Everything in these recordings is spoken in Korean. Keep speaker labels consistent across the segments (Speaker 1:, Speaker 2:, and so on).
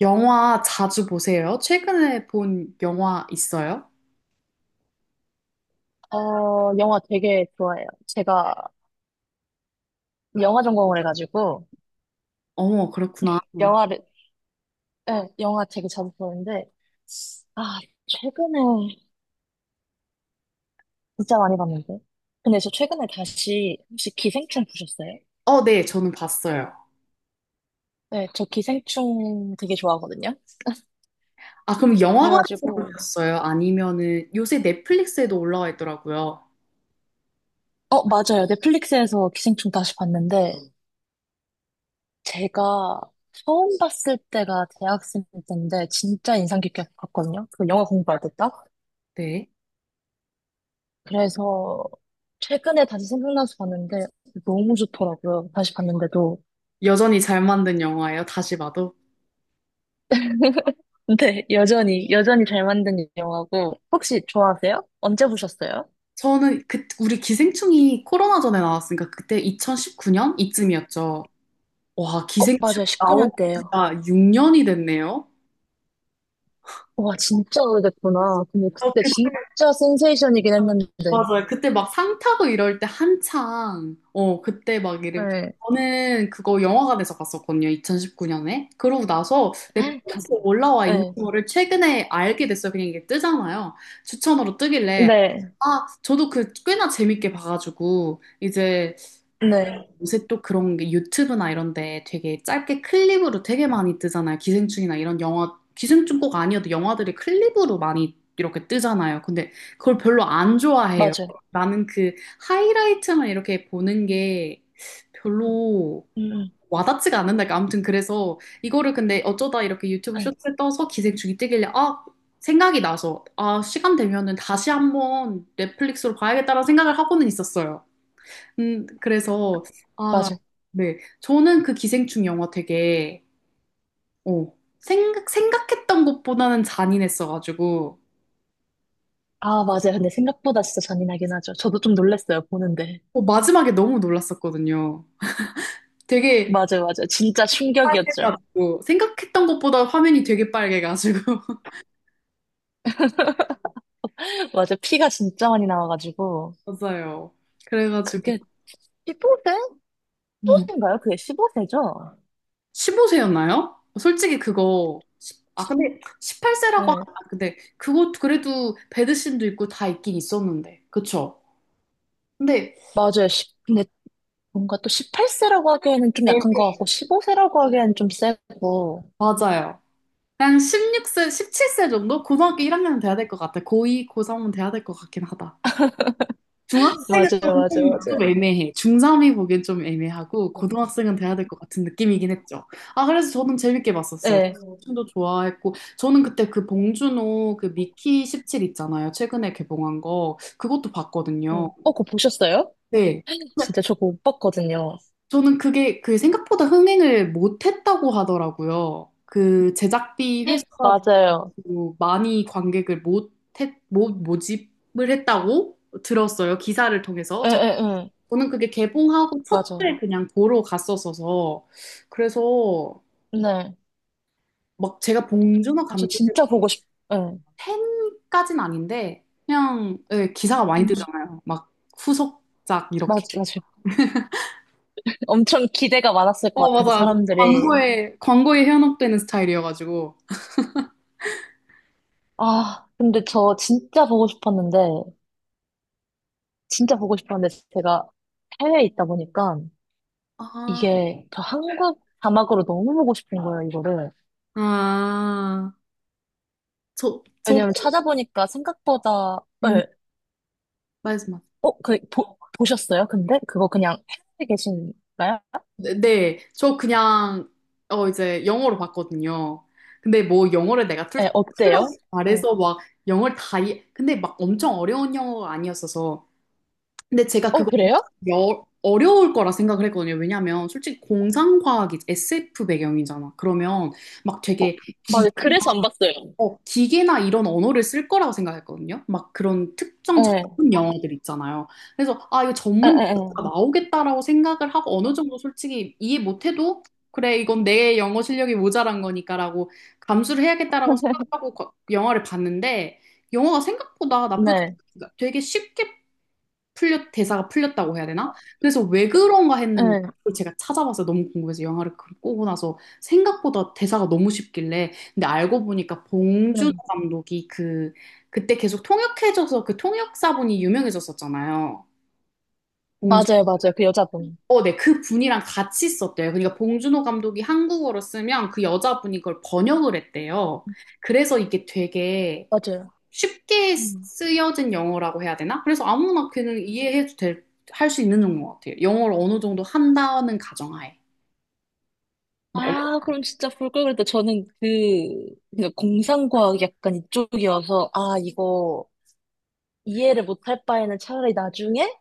Speaker 1: 영화 자주 보세요? 최근에 본 영화 있어요?
Speaker 2: 영화 되게 좋아해요. 제가 영화 전공을 해가지고,
Speaker 1: 어머, 그렇구나.
Speaker 2: 영화를, 예, 영화 되게 자주 보는데, 아, 최근에 진짜 많이 봤는데. 근데 저 최근에 다시, 혹시 기생충 보셨어요?
Speaker 1: 네, 저는 봤어요.
Speaker 2: 네, 저 기생충 되게 좋아하거든요.
Speaker 1: 아, 그럼 영화관에서
Speaker 2: 그래가지고,
Speaker 1: 보셨어요? 아니면은 요새 넷플릭스에도 올라와 있더라고요.
Speaker 2: 맞아요. 넷플릭스에서 기생충 다시 봤는데, 제가 처음 봤을 때가 대학생 때인데, 진짜 인상 깊게 봤거든요. 그 영화 공부할 때 딱.
Speaker 1: 네.
Speaker 2: 그래서 최근에 다시 생각나서 봤는데 너무 좋더라고요. 다시 봤는데도.
Speaker 1: 여전히 잘 만든 영화예요, 다시 봐도.
Speaker 2: 근데 여전히 잘 만든 영화고. 혹시 좋아하세요? 언제 보셨어요?
Speaker 1: 저는 그, 우리 기생충이 코로나 전에 나왔으니까 그때 2019년 이쯤이었죠. 와, 기생충
Speaker 2: 맞아요.
Speaker 1: 나온
Speaker 2: 19년 때예요.
Speaker 1: 지가 6년이 됐네요.
Speaker 2: 와, 진짜 오래됐구나. 근데
Speaker 1: 어,
Speaker 2: 그때
Speaker 1: 그
Speaker 2: 진짜 센세이션이긴 했는데.
Speaker 1: 맞아요. 그때 막 상 타고 이럴 때 한창, 그때 막 이러고.
Speaker 2: 네.
Speaker 1: 저는 그거 영화관에서 봤었거든요. 2019년에. 그러고 나서
Speaker 2: 네.
Speaker 1: 넷플릭스에 올라와 있는 거를 최근에 알게 됐어요. 그냥 이게 뜨잖아요. 추천으로 뜨길래.
Speaker 2: 네.
Speaker 1: 아, 저도 그 꽤나 재밌게 봐가지고, 이제
Speaker 2: 네.
Speaker 1: 요새 또 그런 게 유튜브나 이런 데 되게 짧게 클립으로 되게 많이 뜨잖아요. 기생충이나 이런 영화, 기생충 꼭 아니어도 영화들이 클립으로 많이 이렇게 뜨잖아요. 근데 그걸 별로 안 좋아해요.
Speaker 2: 맞아요.
Speaker 1: 나는 그 하이라이트만 이렇게 보는 게 별로
Speaker 2: 음, 음.
Speaker 1: 와닿지가 않는다. 그러니까 아무튼 그래서 이거를 근데 어쩌다 이렇게 유튜브
Speaker 2: 네.
Speaker 1: 쇼츠에 떠서 기생충이 뜨길래 아, 생각이 나서 아, 시간 되면은 다시 한번 넷플릭스로 봐야겠다라는 생각을 하고는 있었어요. 그래서
Speaker 2: 맞아요.
Speaker 1: 네. 저는 그 기생충 영화 되게, 어, 생각했던 것보다는 잔인했어가지고,
Speaker 2: 아, 맞아요. 근데 생각보다 진짜 잔인하긴 하죠. 저도 좀 놀랐어요, 보는데.
Speaker 1: 마지막에 너무 놀랐었거든요. 되게
Speaker 2: 맞아요, 맞아요. 진짜 충격이었죠.
Speaker 1: 빨개가지고, 생각했던 것보다 화면이 되게 빨개가지고.
Speaker 2: 맞아. 피가 진짜 많이 나와가지고.
Speaker 1: 맞아요. 그래가지고,
Speaker 2: 그게 15세?
Speaker 1: 음,
Speaker 2: 15세인가요? 그게 15세죠?
Speaker 1: 15세였나요? 솔직히 그거, 아, 근데 18세라고,
Speaker 2: 네.
Speaker 1: 근데 그거 그래도 배드신도 있고 다 있긴 있었는데. 그쵸? 근데,
Speaker 2: 맞아요. 근데 뭔가 또 18세라고 하기에는 좀 약한 것
Speaker 1: 네.
Speaker 2: 같고, 15세라고 하기에는 좀 세고.
Speaker 1: 맞아요. 한 16세, 17세 정도? 고등학교 1학년 돼야 될 것 같아. 고2, 고3은 돼야 될 것 같긴 하다. 중학생은 좀,
Speaker 2: 맞아요,
Speaker 1: 좀,
Speaker 2: 맞아요,
Speaker 1: 좀
Speaker 2: 맞아요.
Speaker 1: 애매해. 중3이 보기엔 좀 애매하고, 고등학생은 돼야 될 것 같은 느낌이긴 했죠. 아, 그래서 저는 재밌게 봤었어요.
Speaker 2: 네.
Speaker 1: 춤도 좋아했고, 저는 그때 그 봉준호 그 미키 17 있잖아요. 최근에 개봉한 거. 그것도 봤거든요.
Speaker 2: 응. 어, 그거 보셨어요?
Speaker 1: 네. 근데
Speaker 2: 진짜 저거 못 봤거든요.
Speaker 1: 저는 그게 그 생각보다 흥행을 못했다고 하더라고요. 그 제작비 회수가
Speaker 2: 맞아요.
Speaker 1: 뭐 많이 관객을 못, 했, 못 모집을 했다고 들었어요. 기사를 통해서.
Speaker 2: 예,
Speaker 1: 저,
Speaker 2: 예, 예.
Speaker 1: 저는 그게 개봉하고
Speaker 2: 맞아요.
Speaker 1: 첫날 그냥 보러 갔었어서. 그래서
Speaker 2: 네.
Speaker 1: 막 제가 봉준호
Speaker 2: 아, 저
Speaker 1: 감독의
Speaker 2: 진짜 보고 싶, 예.
Speaker 1: 팬까진 아닌데 그냥 예, 기사가 많이
Speaker 2: 음.
Speaker 1: 뜨잖아요. 막 후속작 이렇게.
Speaker 2: 맞아요. 엄청 기대가 많았을 것 같은데,
Speaker 1: 맞아.
Speaker 2: 사람들이.
Speaker 1: 광고에 현혹되는 스타일이어가지고.
Speaker 2: 아, 근데 저 진짜 보고 싶었는데, 진짜 보고 싶었는데, 제가 해외에 있다 보니까,
Speaker 1: 아,
Speaker 2: 이게 저 한국 자막으로 너무 보고 싶은 거예요, 이거를.
Speaker 1: 아, 저, 저도,
Speaker 2: 왜냐면 찾아보니까 생각보다,
Speaker 1: 음,
Speaker 2: 예,
Speaker 1: 말씀하
Speaker 2: 보셨어요? 근데? 그거 그냥 해외에 계신가요?
Speaker 1: 네, 네. 저 그냥 이제 영어로 봤거든요. 근데 뭐 영어를 내가 툴
Speaker 2: 예, 어때요?
Speaker 1: 툴툴하게
Speaker 2: 어,
Speaker 1: 말해서 막 영어를 다 이해, 근데 막 엄청 어려운 영어가 아니었어서. 근데 제가 그거
Speaker 2: 그래요?
Speaker 1: 여, 어려울 거라 생각을 했거든요. 왜냐면 솔직히 공상과학이 SF 배경이잖아. 그러면 막 되게
Speaker 2: 맞아요. 그래서 안 봤어요.
Speaker 1: 기계나 이런 언어를 쓸 거라고 생각했거든요. 막 그런 특정
Speaker 2: 예,
Speaker 1: 전문 영어들 있잖아요. 그래서 아, 이거
Speaker 2: 예,
Speaker 1: 전문
Speaker 2: 예, 예.
Speaker 1: 영어가 나오겠다라고 생각을 하고 어느 정도 솔직히 이해 못해도 그래, 이건 내 영어 실력이 모자란 거니까라고 감수를 해야겠다라고 생각하고 영화를 봤는데 영화가 생각보다 나쁘지
Speaker 2: 네,
Speaker 1: 않아. 되게 쉽게 풀렸 대사가 풀렸다고 해야 되나? 그래서 왜 그런가 했는데
Speaker 2: 예,
Speaker 1: 그걸 제가 찾아봤어요. 너무 궁금해서 영화를 보고 나서 생각보다 대사가 너무 쉽길래 근데 알고 보니까
Speaker 2: 예.
Speaker 1: 봉준호 감독이 그 그때 계속 통역해줘서 그 통역사분이 유명해졌었잖아요. 봉준
Speaker 2: 맞아요, 맞아요. 그 여자분.
Speaker 1: 네, 그 분이랑 같이 썼대요. 그러니까 봉준호 감독이 한국어로 쓰면 그 여자분이 그걸 번역을 했대요. 그래서 이게 되게
Speaker 2: 맞아요.
Speaker 1: 쉽게
Speaker 2: 음.
Speaker 1: 쓰여진 영어라고 해야 되나? 그래서 아무나 그냥 이해해도 될, 할 수 있는 정도 같아요. 영어를 어느 정도 한다는 가정하에. 막, 어-
Speaker 2: 아, 그럼 진짜 볼 걸 그랬다. 저는 그냥 공상과학 약간 이쪽이어서, 아, 이거 이해를 못할 바에는 차라리 나중에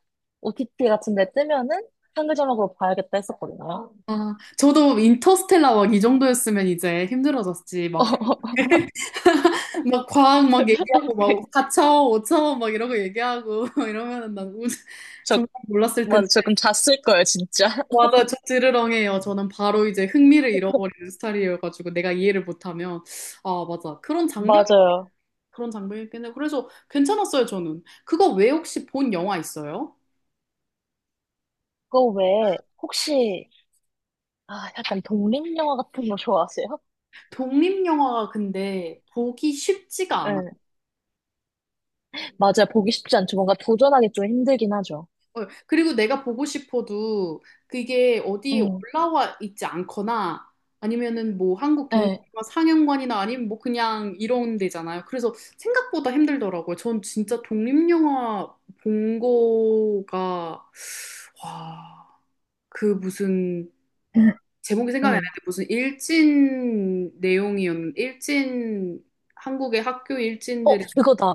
Speaker 2: OTT 같은 데 뜨면은 한글 자막으로 봐야겠다 했었거든요.
Speaker 1: 아, 저도 인터스텔라 막 이 정도였으면 이제 힘들어졌지.
Speaker 2: 어,
Speaker 1: 막, 막 과학 막 얘기하고, 막
Speaker 2: 그,
Speaker 1: 4차원, 5차원 막 이러고 얘기하고 이러면은 난 우,
Speaker 2: 저,
Speaker 1: 정말 몰랐을
Speaker 2: 맞아.
Speaker 1: 텐데.
Speaker 2: 저 그럼 잤을 거예요, 진짜.
Speaker 1: 맞아, 저 드르렁해요. 저는 바로 이제 흥미를 잃어버리는 스타일이어가지고 내가 이해를 못하면. 아, 맞아. 그런 장벽
Speaker 2: 맞아요.
Speaker 1: 그런 장면이긴해요 그래서 괜찮았어요, 저는. 그거 외에 혹시 본 영화 있어요?
Speaker 2: 그거 외에, 혹시, 아, 약간 독립영화 같은 거 좋아하세요?
Speaker 1: 독립영화가 근데 보기 쉽지가 않아.
Speaker 2: 네. 맞아요. 보기 쉽지 않죠. 뭔가 도전하기 좀 힘들긴 하죠.
Speaker 1: 어, 그리고 내가 보고 싶어도 그게 어디
Speaker 2: 응.
Speaker 1: 올라와 있지 않거나 아니면은 뭐 한국
Speaker 2: 네.
Speaker 1: 독립영화 상영관이나 아니면 뭐 그냥 이런 데잖아요. 그래서 생각보다 힘들더라고요. 전 진짜 독립영화 본 거가, 와, 그 무슨 제목이 생각이 안
Speaker 2: 음.
Speaker 1: 나는데 무슨 일진 내용이었는 일진 한국의 학교
Speaker 2: 어,
Speaker 1: 일진들의
Speaker 2: 그거다.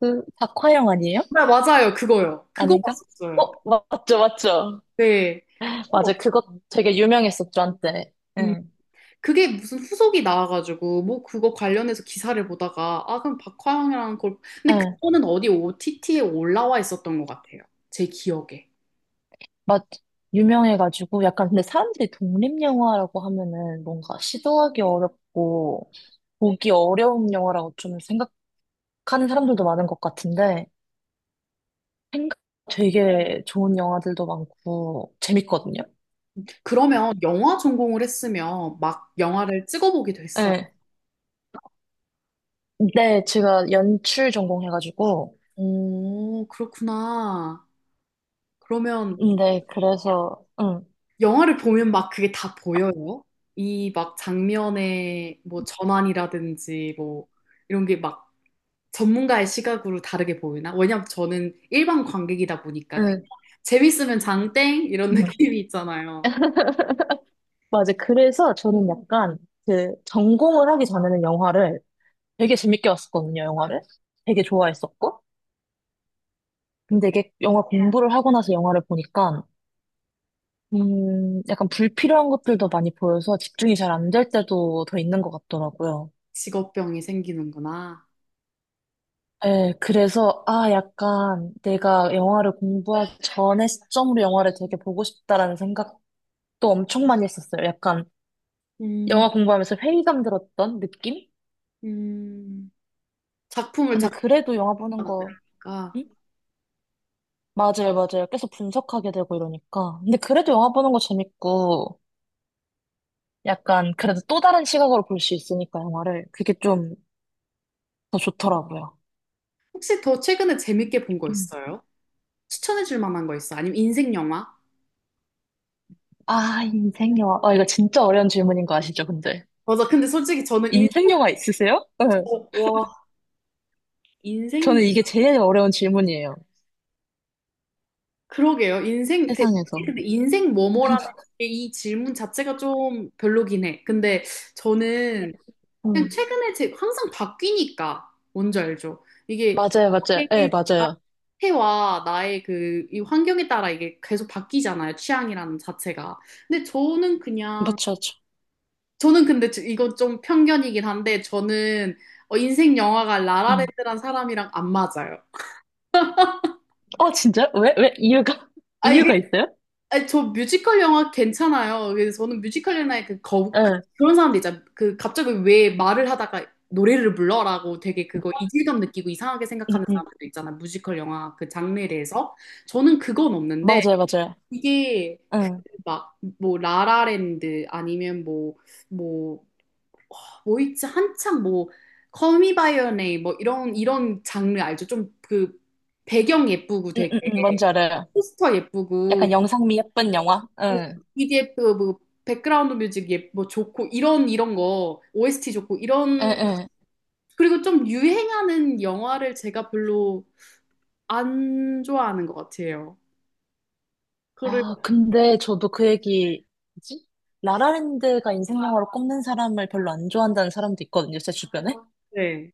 Speaker 2: 그, 박화영 아니에요?
Speaker 1: 아, 맞아요 그거요 그거
Speaker 2: 아닌가?
Speaker 1: 봤었어요
Speaker 2: 어, 맞죠, 맞죠.
Speaker 1: 네 그거 봤-
Speaker 2: 맞아요. 그거 되게 유명했었죠, 한때.
Speaker 1: 음,
Speaker 2: 응.
Speaker 1: 그게 무슨 후속이 나와가지고 뭐 그거 관련해서 기사를 보다가 아 그럼 박화영이라는 걸 근데
Speaker 2: 응,
Speaker 1: 그거는 어디 OTT에 올라와 있었던 것 같아요 제 기억에
Speaker 2: 맞, 유명해가지고, 약간 근데 사람들이 독립영화라고 하면은 뭔가 시도하기 어렵고, 보기 어려운 영화라고 좀 생각하는 사람들도 많은 것 같은데, 생각 되게 좋은 영화들도 많고, 재밌거든요.
Speaker 1: 그러면 영화 전공을 했으면 막 영화를 찍어보기도 했어요
Speaker 2: 네. 네, 제가 연출 전공해가지고,
Speaker 1: 오 그렇구나 그러면
Speaker 2: 네,
Speaker 1: 영화를 보면 막 그게 다 보여요. 이 막 장면의 뭐 전환이라든지 뭐 이런 게 막 전문가의 시각으로 다르게 보이나? 왜냐면 저는 일반 관객이다 보니까 그냥
Speaker 2: 응.
Speaker 1: 재밌으면 장땡 이런 느낌이 있잖아요.
Speaker 2: 맞아. 그래서 저는 약간 그 전공을 하기 전에는 영화를 되게 재밌게 봤었거든요, 영화를. 되게 좋아했었고. 근데 이게 영화 공부를 하고 나서 영화를 보니까, 약간 불필요한 것들도 많이 보여서 집중이 잘 안 될 때도 더 있는 것 같더라고요.
Speaker 1: 직업병이 생기는구나.
Speaker 2: 예, 그래서, 아, 약간 내가 영화를 공부하기 전에 시점으로 영화를 되게 보고 싶다라는 생각도 엄청 많이 했었어요. 약간
Speaker 1: 음,
Speaker 2: 영화 공부하면서 회의감 들었던 느낌?
Speaker 1: 음, 작품을
Speaker 2: 근데 그래도 영화
Speaker 1: 작품하다
Speaker 2: 보는 거,
Speaker 1: 보니까
Speaker 2: 응? 맞아요, 맞아요. 계속 분석하게 되고 이러니까. 근데 그래도 영화 보는 거 재밌고, 약간 그래도 또 다른 시각으로 볼 수 있으니까 영화를. 그게 좀 더 좋더라고요.
Speaker 1: 혹시 더 최근에 재밌게 본 거
Speaker 2: 음.
Speaker 1: 있어요? 추천해 줄 만한 거 있어? 아니면 인생 영화?
Speaker 2: 아, 인생 영화. 아, 이거 진짜 어려운 질문인 거 아시죠, 근데?
Speaker 1: 맞아. 근데 솔직히 저는 인,
Speaker 2: 인생 영화 있으세요? 네.
Speaker 1: 어, 와, 인생
Speaker 2: 저는 이게 제일 어려운 질문이에요.
Speaker 1: 그러게요. 인생, 그,
Speaker 2: 세상에서.
Speaker 1: 근데 인생 뭐뭐라는 게이 질문 자체가 좀 별로긴 해. 근데
Speaker 2: 네.
Speaker 1: 저는 그냥
Speaker 2: 음.
Speaker 1: 최근에 제, 항상 바뀌니까, 뭔지 알죠? 이게
Speaker 2: 맞아요, 맞아요.
Speaker 1: 나의
Speaker 2: 예, 네, 맞아요.
Speaker 1: 상태와 나의 그, 이 환경에 따라 이게 계속 바뀌잖아요. 취향이라는 자체가. 근데 저는 그냥,
Speaker 2: 맞죠, 맞죠.
Speaker 1: 저는 근데 이건 좀 편견이긴 한데, 저는 인생 영화가
Speaker 2: 음.
Speaker 1: 라라랜드란 사람이랑 안 맞아요.
Speaker 2: 어, 진짜? 왜? 왜? 이유가?
Speaker 1: 아,
Speaker 2: 이유가 있어요?
Speaker 1: 아니, 저 뮤지컬 영화 괜찮아요. 그래서 저는 뮤지컬 영화에
Speaker 2: 예.
Speaker 1: 그런 사람들 있잖아. 그 갑자기 왜 말을 하다가 노래를 불러라고 되게 그거 이질감 느끼고 이상하게
Speaker 2: 음,
Speaker 1: 생각하는
Speaker 2: 음.
Speaker 1: 사람들도 있잖아. 뮤지컬 영화 그 장르에 대해서. 저는 그건 없는데
Speaker 2: 맞아요, 맞아요.
Speaker 1: 이게
Speaker 2: 응.
Speaker 1: 막 뭐 라라랜드 아니면 뭐뭐뭐 있지 한창 뭐 Call Me by Your Name 뭐 이런 이런 장르 알죠? 좀 그 배경 예쁘고
Speaker 2: 응,
Speaker 1: 되게
Speaker 2: 응, 응. 뭔지 알아요.
Speaker 1: 포스터 예쁘고
Speaker 2: 약간 영상미 예쁜 영화? 응,
Speaker 1: EDF 뭐 백그라운드 뮤직 뭐 좋고 이런 이런 거 OST 좋고
Speaker 2: 응,
Speaker 1: 이런
Speaker 2: 응.
Speaker 1: 그리고 좀 유행하는 영화를 제가 별로 안 좋아하는 것 같아요. 그리고
Speaker 2: 아, 근데 저도 그 얘기, 뭐지? 라라랜드가 인생 영화로 꼽는 사람을 별로 안 좋아한다는 사람도 있거든요, 제 주변에.
Speaker 1: 네.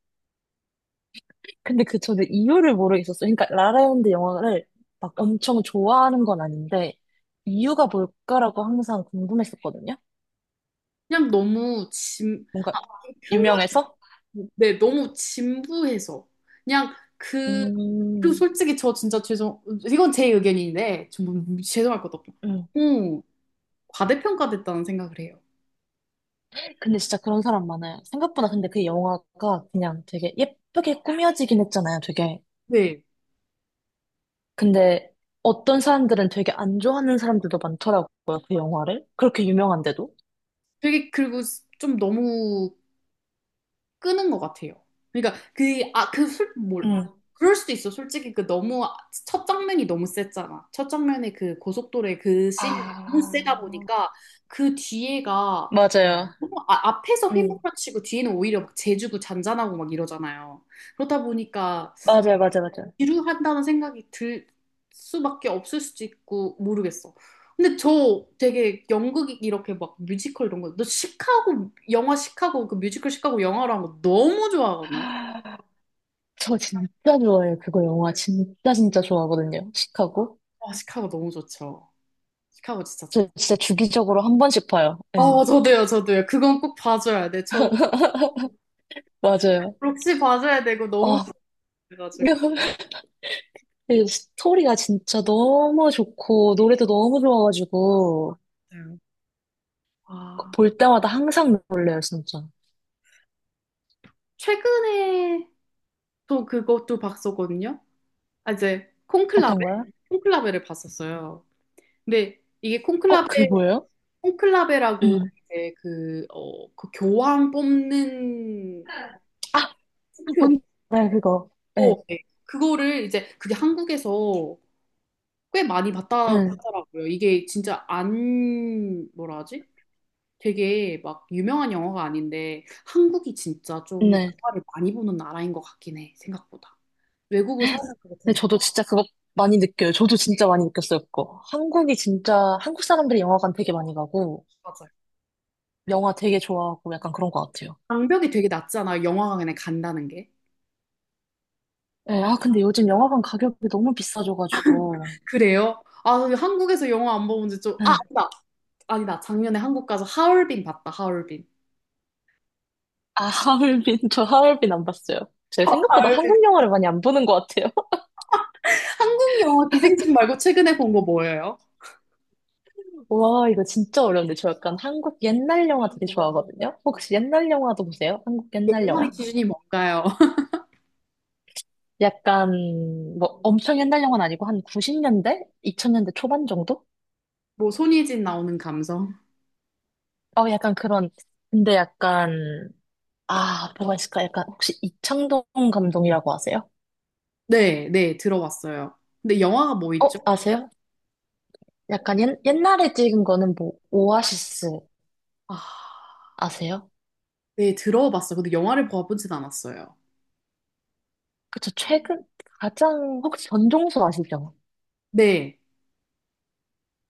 Speaker 2: 근데 그 저도 이유를 모르겠었어요. 그러니까 라라랜드 영화를 막 엄청 좋아하는 건 아닌데, 이유가 뭘까라고 항상 궁금했었거든요.
Speaker 1: 그냥 너무 진
Speaker 2: 뭔가
Speaker 1: 평균
Speaker 2: 유명해서?
Speaker 1: 네 너무 진부해서 그냥 그 그리고
Speaker 2: 음,
Speaker 1: 솔직히 저 진짜 죄송 이건 제 의견인데 좀 죄송할 것도 없고
Speaker 2: 음.
Speaker 1: 너무 과대평가됐다는 생각을 해요.
Speaker 2: 근데 진짜 그런 사람 많아요. 생각보다 근데 그 영화가 그냥 되게 예쁘게 꾸며지긴 했잖아요, 되게.
Speaker 1: 네.
Speaker 2: 근데 어떤 사람들은 되게 안 좋아하는 사람들도 많더라고요, 그 영화를. 그렇게 유명한데도.
Speaker 1: 되게 그리고 좀 너무 끄는 것 같아요. 그러니까 그, 아, 그 술, 뭘,
Speaker 2: 응.
Speaker 1: 그럴 수도 있어. 솔직히 그 너무, 첫 장면이 너무 셌잖아. 첫 장면에 그 고속도로의 그 씬이 너무 세다
Speaker 2: 아,
Speaker 1: 보니까 그 뒤에가
Speaker 2: 맞아요.
Speaker 1: 앞에서
Speaker 2: 응.
Speaker 1: 휘몰아치고 뒤에는 오히려 막 재주고 잔잔하고 막 이러잖아요. 그러다 보니까
Speaker 2: 맞아요, 맞아요, 맞아요.
Speaker 1: 지루한다는 생각이 들 수밖에 없을 수도 있고 모르겠어. 근데 저 되게 연극 이렇게 막 뮤지컬 이런 거, 너 시카고 영화 시카고 그 뮤지컬 시카고 영화로 한거 너무 좋아하거든요.
Speaker 2: 저 진짜 좋아해요, 그거 영화. 진짜 진짜 좋아하거든요, 시카고.
Speaker 1: 아, 시카고 너무 좋죠. 시카고 진짜
Speaker 2: 저
Speaker 1: 재밌어요.
Speaker 2: 진짜 주기적으로 한 번씩 봐요. 예.
Speaker 1: 아, 저도요. 그건 꼭 봐줘야 돼. 저
Speaker 2: 맞아요.
Speaker 1: 록시 봐줘야 되고 너무
Speaker 2: 아,
Speaker 1: 좋아가지고.
Speaker 2: 이 스토리가 진짜 너무 좋고, 노래도 너무 좋아가지고,
Speaker 1: 아,
Speaker 2: 볼 때마다 항상 놀래요, 진짜.
Speaker 1: 최근에 또 그것도 봤었거든요. 아, 이제 콘클라베?
Speaker 2: 어떤가요?
Speaker 1: 콘클라베를 봤었어요. 근데 이게
Speaker 2: 어,
Speaker 1: 콘클라베,
Speaker 2: 그게 뭐예요?
Speaker 1: 콘클라베라고
Speaker 2: 음.
Speaker 1: 이제 그 교황 뽑는 투표,
Speaker 2: 뭔지 알아요, 그거.
Speaker 1: 어,
Speaker 2: 네,
Speaker 1: 네. 그거를 이제 그게 한국에서 꽤 많이 봤다고
Speaker 2: 응,
Speaker 1: 하더라고요. 이게 진짜 안, 뭐라 하지? 되게 막 유명한 영화가 아닌데 한국이 진짜 좀
Speaker 2: 네.
Speaker 1: 영화를 많이 보는 나라인 것 같긴 해, 생각보다. 외국을 살면서 더 느-
Speaker 2: 근데 저도 진짜 그거 많이 느껴요. 저도 진짜 많이 느꼈어요, 그거. 한국이 진짜, 한국 사람들이 영화관 되게 많이 가고,
Speaker 1: 맞아요.
Speaker 2: 영화 되게 좋아하고, 약간 그런 것 같아요.
Speaker 1: 장벽이 되게 낮잖아, 영화관에 간다는 게.
Speaker 2: 네, 아, 근데 요즘 영화관 가격이 너무 비싸져가지고.
Speaker 1: 그래요? 아, 한국에서 영화 안 보면 이제 좀, 아,
Speaker 2: 네.
Speaker 1: 아니다. 아니다. 작년에 한국 가서 하얼빈 봤다, 하얼빈.
Speaker 2: 아, 하얼빈, 저 하얼빈 안 봤어요. 제가 생각보다
Speaker 1: 울빈
Speaker 2: 한국 영화를 많이 안 보는 것 같아요.
Speaker 1: 한국 영화 기생충 말고 최근에 본 거 뭐예요?
Speaker 2: 와, 이거 진짜 어려운데. 저 약간 한국 옛날 영화 되게 좋아하거든요. 혹시 옛날 영화도 보세요? 한국 옛날
Speaker 1: 옛날의
Speaker 2: 영화?
Speaker 1: 기준이 뭔가요?
Speaker 2: 약간 뭐 엄청 옛날 영화는 아니고 한 90년대? 2000년대 초반 정도?
Speaker 1: 뭐 손예진 나오는 감성?
Speaker 2: 어 약간 그런 근데 약간 아 뭐가 있을까? 약간 혹시 이창동 감독이라고 아세요?
Speaker 1: 네, 네, 들어봤어요. 근데 영화가 뭐 있죠?
Speaker 2: 어 아세요? 약간 옛날에 찍은 거는 뭐 오아시스
Speaker 1: 아.
Speaker 2: 아세요?
Speaker 1: 네, 들어봤어요. 근데 영화를 봐보진 않았어요.
Speaker 2: 그쵸 최근 가장 혹시 전종수 아시죠?
Speaker 1: 네.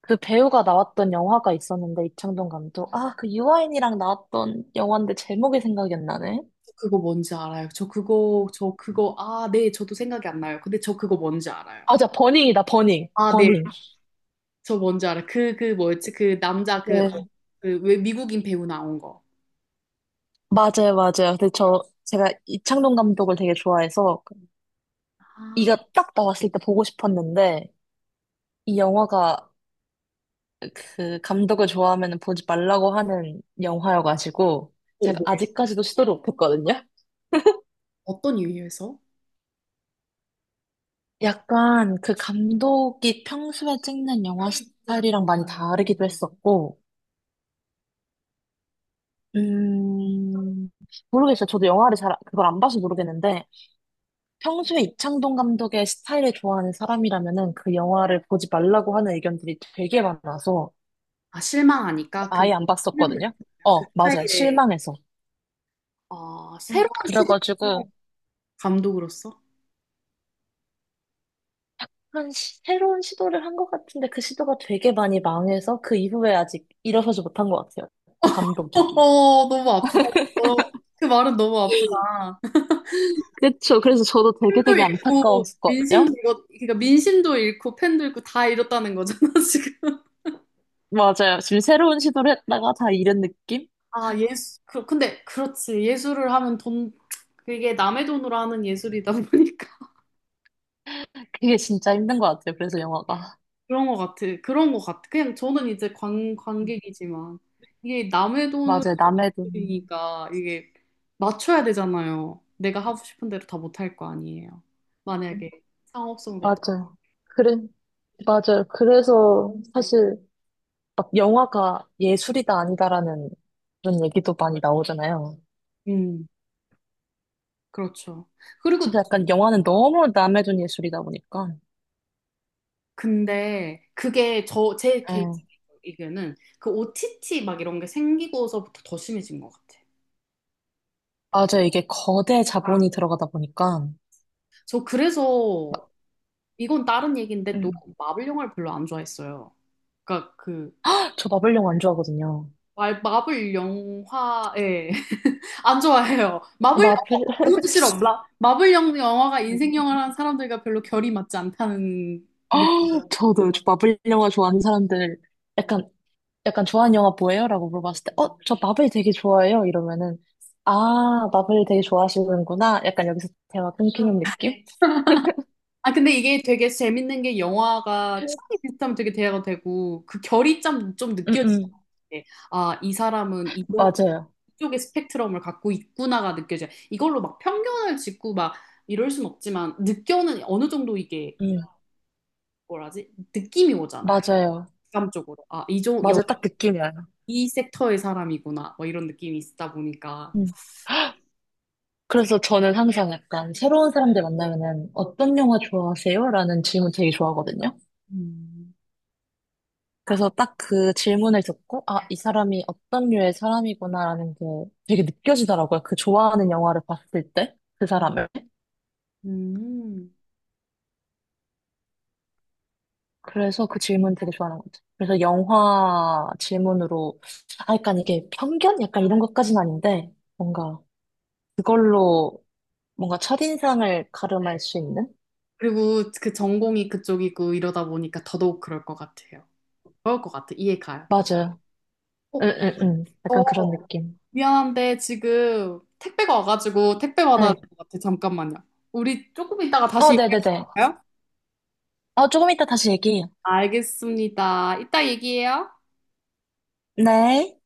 Speaker 2: 그 배우가 나왔던 영화가 있었는데 이창동 감독 아 그 유아인이랑 나왔던 영화인데 제목이 생각이 안 나네.
Speaker 1: 저 그거 뭔지 알아요. 아, 네, 저도 생각이 안 나요. 근데 저 그거 뭔지 알아요.
Speaker 2: 버닝이다, 버닝.
Speaker 1: 아, 네,
Speaker 2: 버닝.
Speaker 1: 저 뭔지 알아요. 그 뭐였지? 그 남자 그,
Speaker 2: 네.
Speaker 1: 그, 왜 미국인 배우 나온 거.
Speaker 2: 맞아요, 맞아요. 근데 저, 제가 이창동 감독을 되게 좋아해서,
Speaker 1: 아,
Speaker 2: 이가 딱 나왔을 때 보고 싶었는데, 이 영화가 그 감독을 좋아하면 보지 말라고 하는 영화여가지고,
Speaker 1: 어,
Speaker 2: 제가
Speaker 1: 뭐,
Speaker 2: 아직까지도 시도를 못했거든요?
Speaker 1: 어떤 이유에서?
Speaker 2: 약간 그 감독이 평소에 찍는 영화 스타일이랑 많이 다르기도 했었고, 음, 모르겠어요. 저도 영화를 잘, 그걸 안 봐서 모르겠는데, 평소에 이창동 감독의 스타일을 좋아하는 사람이라면은 그 영화를 보지 말라고 하는 의견들이 되게 많아서
Speaker 1: 아, 실망하니까? 그,
Speaker 2: 아예 안 봤었거든요.
Speaker 1: 그
Speaker 2: 어, 맞아요.
Speaker 1: 스타일의,
Speaker 2: 실망해서.
Speaker 1: 아, 새로운 시대
Speaker 2: 그래가지고
Speaker 1: 감독으로서?
Speaker 2: 새로운 시도를 한 것 같은데 그 시도가 되게 많이 망해서 그 이후에 아직 일어서지 못한 것 같아요. 그 감독이.
Speaker 1: 어, 너무 아프다. 어, 그 말은 너무 아프다.
Speaker 2: 그쵸. 그래서 저도 되게
Speaker 1: 팬도
Speaker 2: 되게
Speaker 1: 잃고 민심도
Speaker 2: 안타까웠거든요.
Speaker 1: 잃고 그러니까 민심도 잃고 팬도 잃고 다 잃었다는 거잖아 지금.
Speaker 2: 맞아요. 지금 새로운 시도를 했다가 다 잃은 느낌?
Speaker 1: 아 예술 그 근데 그렇지 예술을 하면 돈 그게 남의 돈으로 하는 예술이다 보니까
Speaker 2: 그게 진짜 힘든 것 같아요. 그래서 영화가.
Speaker 1: 그런 것 같아 그냥 저는 이제 관
Speaker 2: 음,
Speaker 1: 관객이지만 이게 남의
Speaker 2: 맞아요. 남의 돈.
Speaker 1: 돈이니까 이게 맞춰야 되잖아요. 내가 하고 싶은 대로 다 못할 거 아니에요. 만약에 상업성도
Speaker 2: 맞아요. 그래. 맞아요. 그래서 사실 막 영화가 예술이다 아니다라는 그런 얘기도 많이 나오잖아요.
Speaker 1: 음 그렇죠.
Speaker 2: 그래서
Speaker 1: 그리고
Speaker 2: 약간 영화는 너무 남의 돈 예술이다 보니까.
Speaker 1: 근데 그게 저, 제 개인적인
Speaker 2: 예.
Speaker 1: 의견은 그 OTT 막 이런 게 생기고서부터 더 심해진 것 같아.
Speaker 2: 맞아요. 이게 거대 자본이 들어가다 보니까.
Speaker 1: 저 그래서 이건 다른 얘기인데 또
Speaker 2: 음.
Speaker 1: 마블 영화를 별로 안 좋아했어요. 그러니까 그
Speaker 2: 저 마블 영화 안 좋아하거든요.
Speaker 1: 마블 영화에 안 좋아해요. 마블
Speaker 2: 마블,
Speaker 1: 영화 그것도 싫어. 영화가 인생 영화라는 사람들과 별로 결이 맞지 않다는
Speaker 2: 아, 저도 저 마블 영화 좋아하는 사람들 약간 약간 좋아하는 영화 뭐예요? 라고 물어봤을 때 어, 저 마블 되게 좋아해요. 이러면은 아, 마블 되게 좋아하시는구나. 약간 여기서 대화 끊기는 느낌?
Speaker 1: 아, 근데 이게 되게 재밌는 게 영화가 취이 비슷하면 되게 대화가 되고, 그 결이 좀 느
Speaker 2: 음,
Speaker 1: 껴지요
Speaker 2: 음.
Speaker 1: 게, 아, 이 사람은 이쪽,
Speaker 2: 맞아요.
Speaker 1: 이쪽의 스펙트럼을 갖고 있구나가 느껴져요. 이걸로 막 편견을 짓고 막 이럴 순 없지만, 느껴는 어느 정도 이게,
Speaker 2: 음,
Speaker 1: 뭐라지? 느낌이 오잖아요.
Speaker 2: 맞아요.
Speaker 1: 감적으로. 아, 이쪽 여,
Speaker 2: 맞아, 딱 느낌이 와요.
Speaker 1: 이 섹터의 사람이구나. 뭐 이런 느낌이 있다 보니까.
Speaker 2: 음. 그래서 저는 항상 약간 새로운 사람들 만나면은 어떤 영화 좋아하세요? 라는 질문 되게 좋아하거든요.
Speaker 1: 음.
Speaker 2: 그래서 딱 그 질문을 듣고, 아, 이 사람이 어떤 류의 사람이구나라는 게 되게 느껴지더라고요. 그 좋아하는 영화를 봤을 때, 그 사람을.
Speaker 1: 음.
Speaker 2: 그래서 그 질문 되게 좋아하는 것 같아요. 그래서 영화 질문으로, 아, 약간 이게 편견? 약간 이런 것까지는 아닌데, 뭔가 그걸로 뭔가 첫인상을 가름할 수 있는?
Speaker 1: 그리고 그 전공이 그쪽이고 이러다 보니까 더더욱 그럴 것 같아요. 그럴 것 같아. 이해 가요.
Speaker 2: 맞아요. 응, 응, 응.
Speaker 1: 어,
Speaker 2: 약간 그런 느낌.
Speaker 1: 미안한데 지금 택배가 와가지고 택배 받아야
Speaker 2: 네.
Speaker 1: 될 것 같아. 잠깐만요. 우리 조금 이따가 다시
Speaker 2: 어,
Speaker 1: 얘기할 수
Speaker 2: 네네네.
Speaker 1: 있어요?
Speaker 2: 어, 조금 이따 다시 얘기해요.
Speaker 1: 알겠습니다. 이따 얘기해요.
Speaker 2: 네.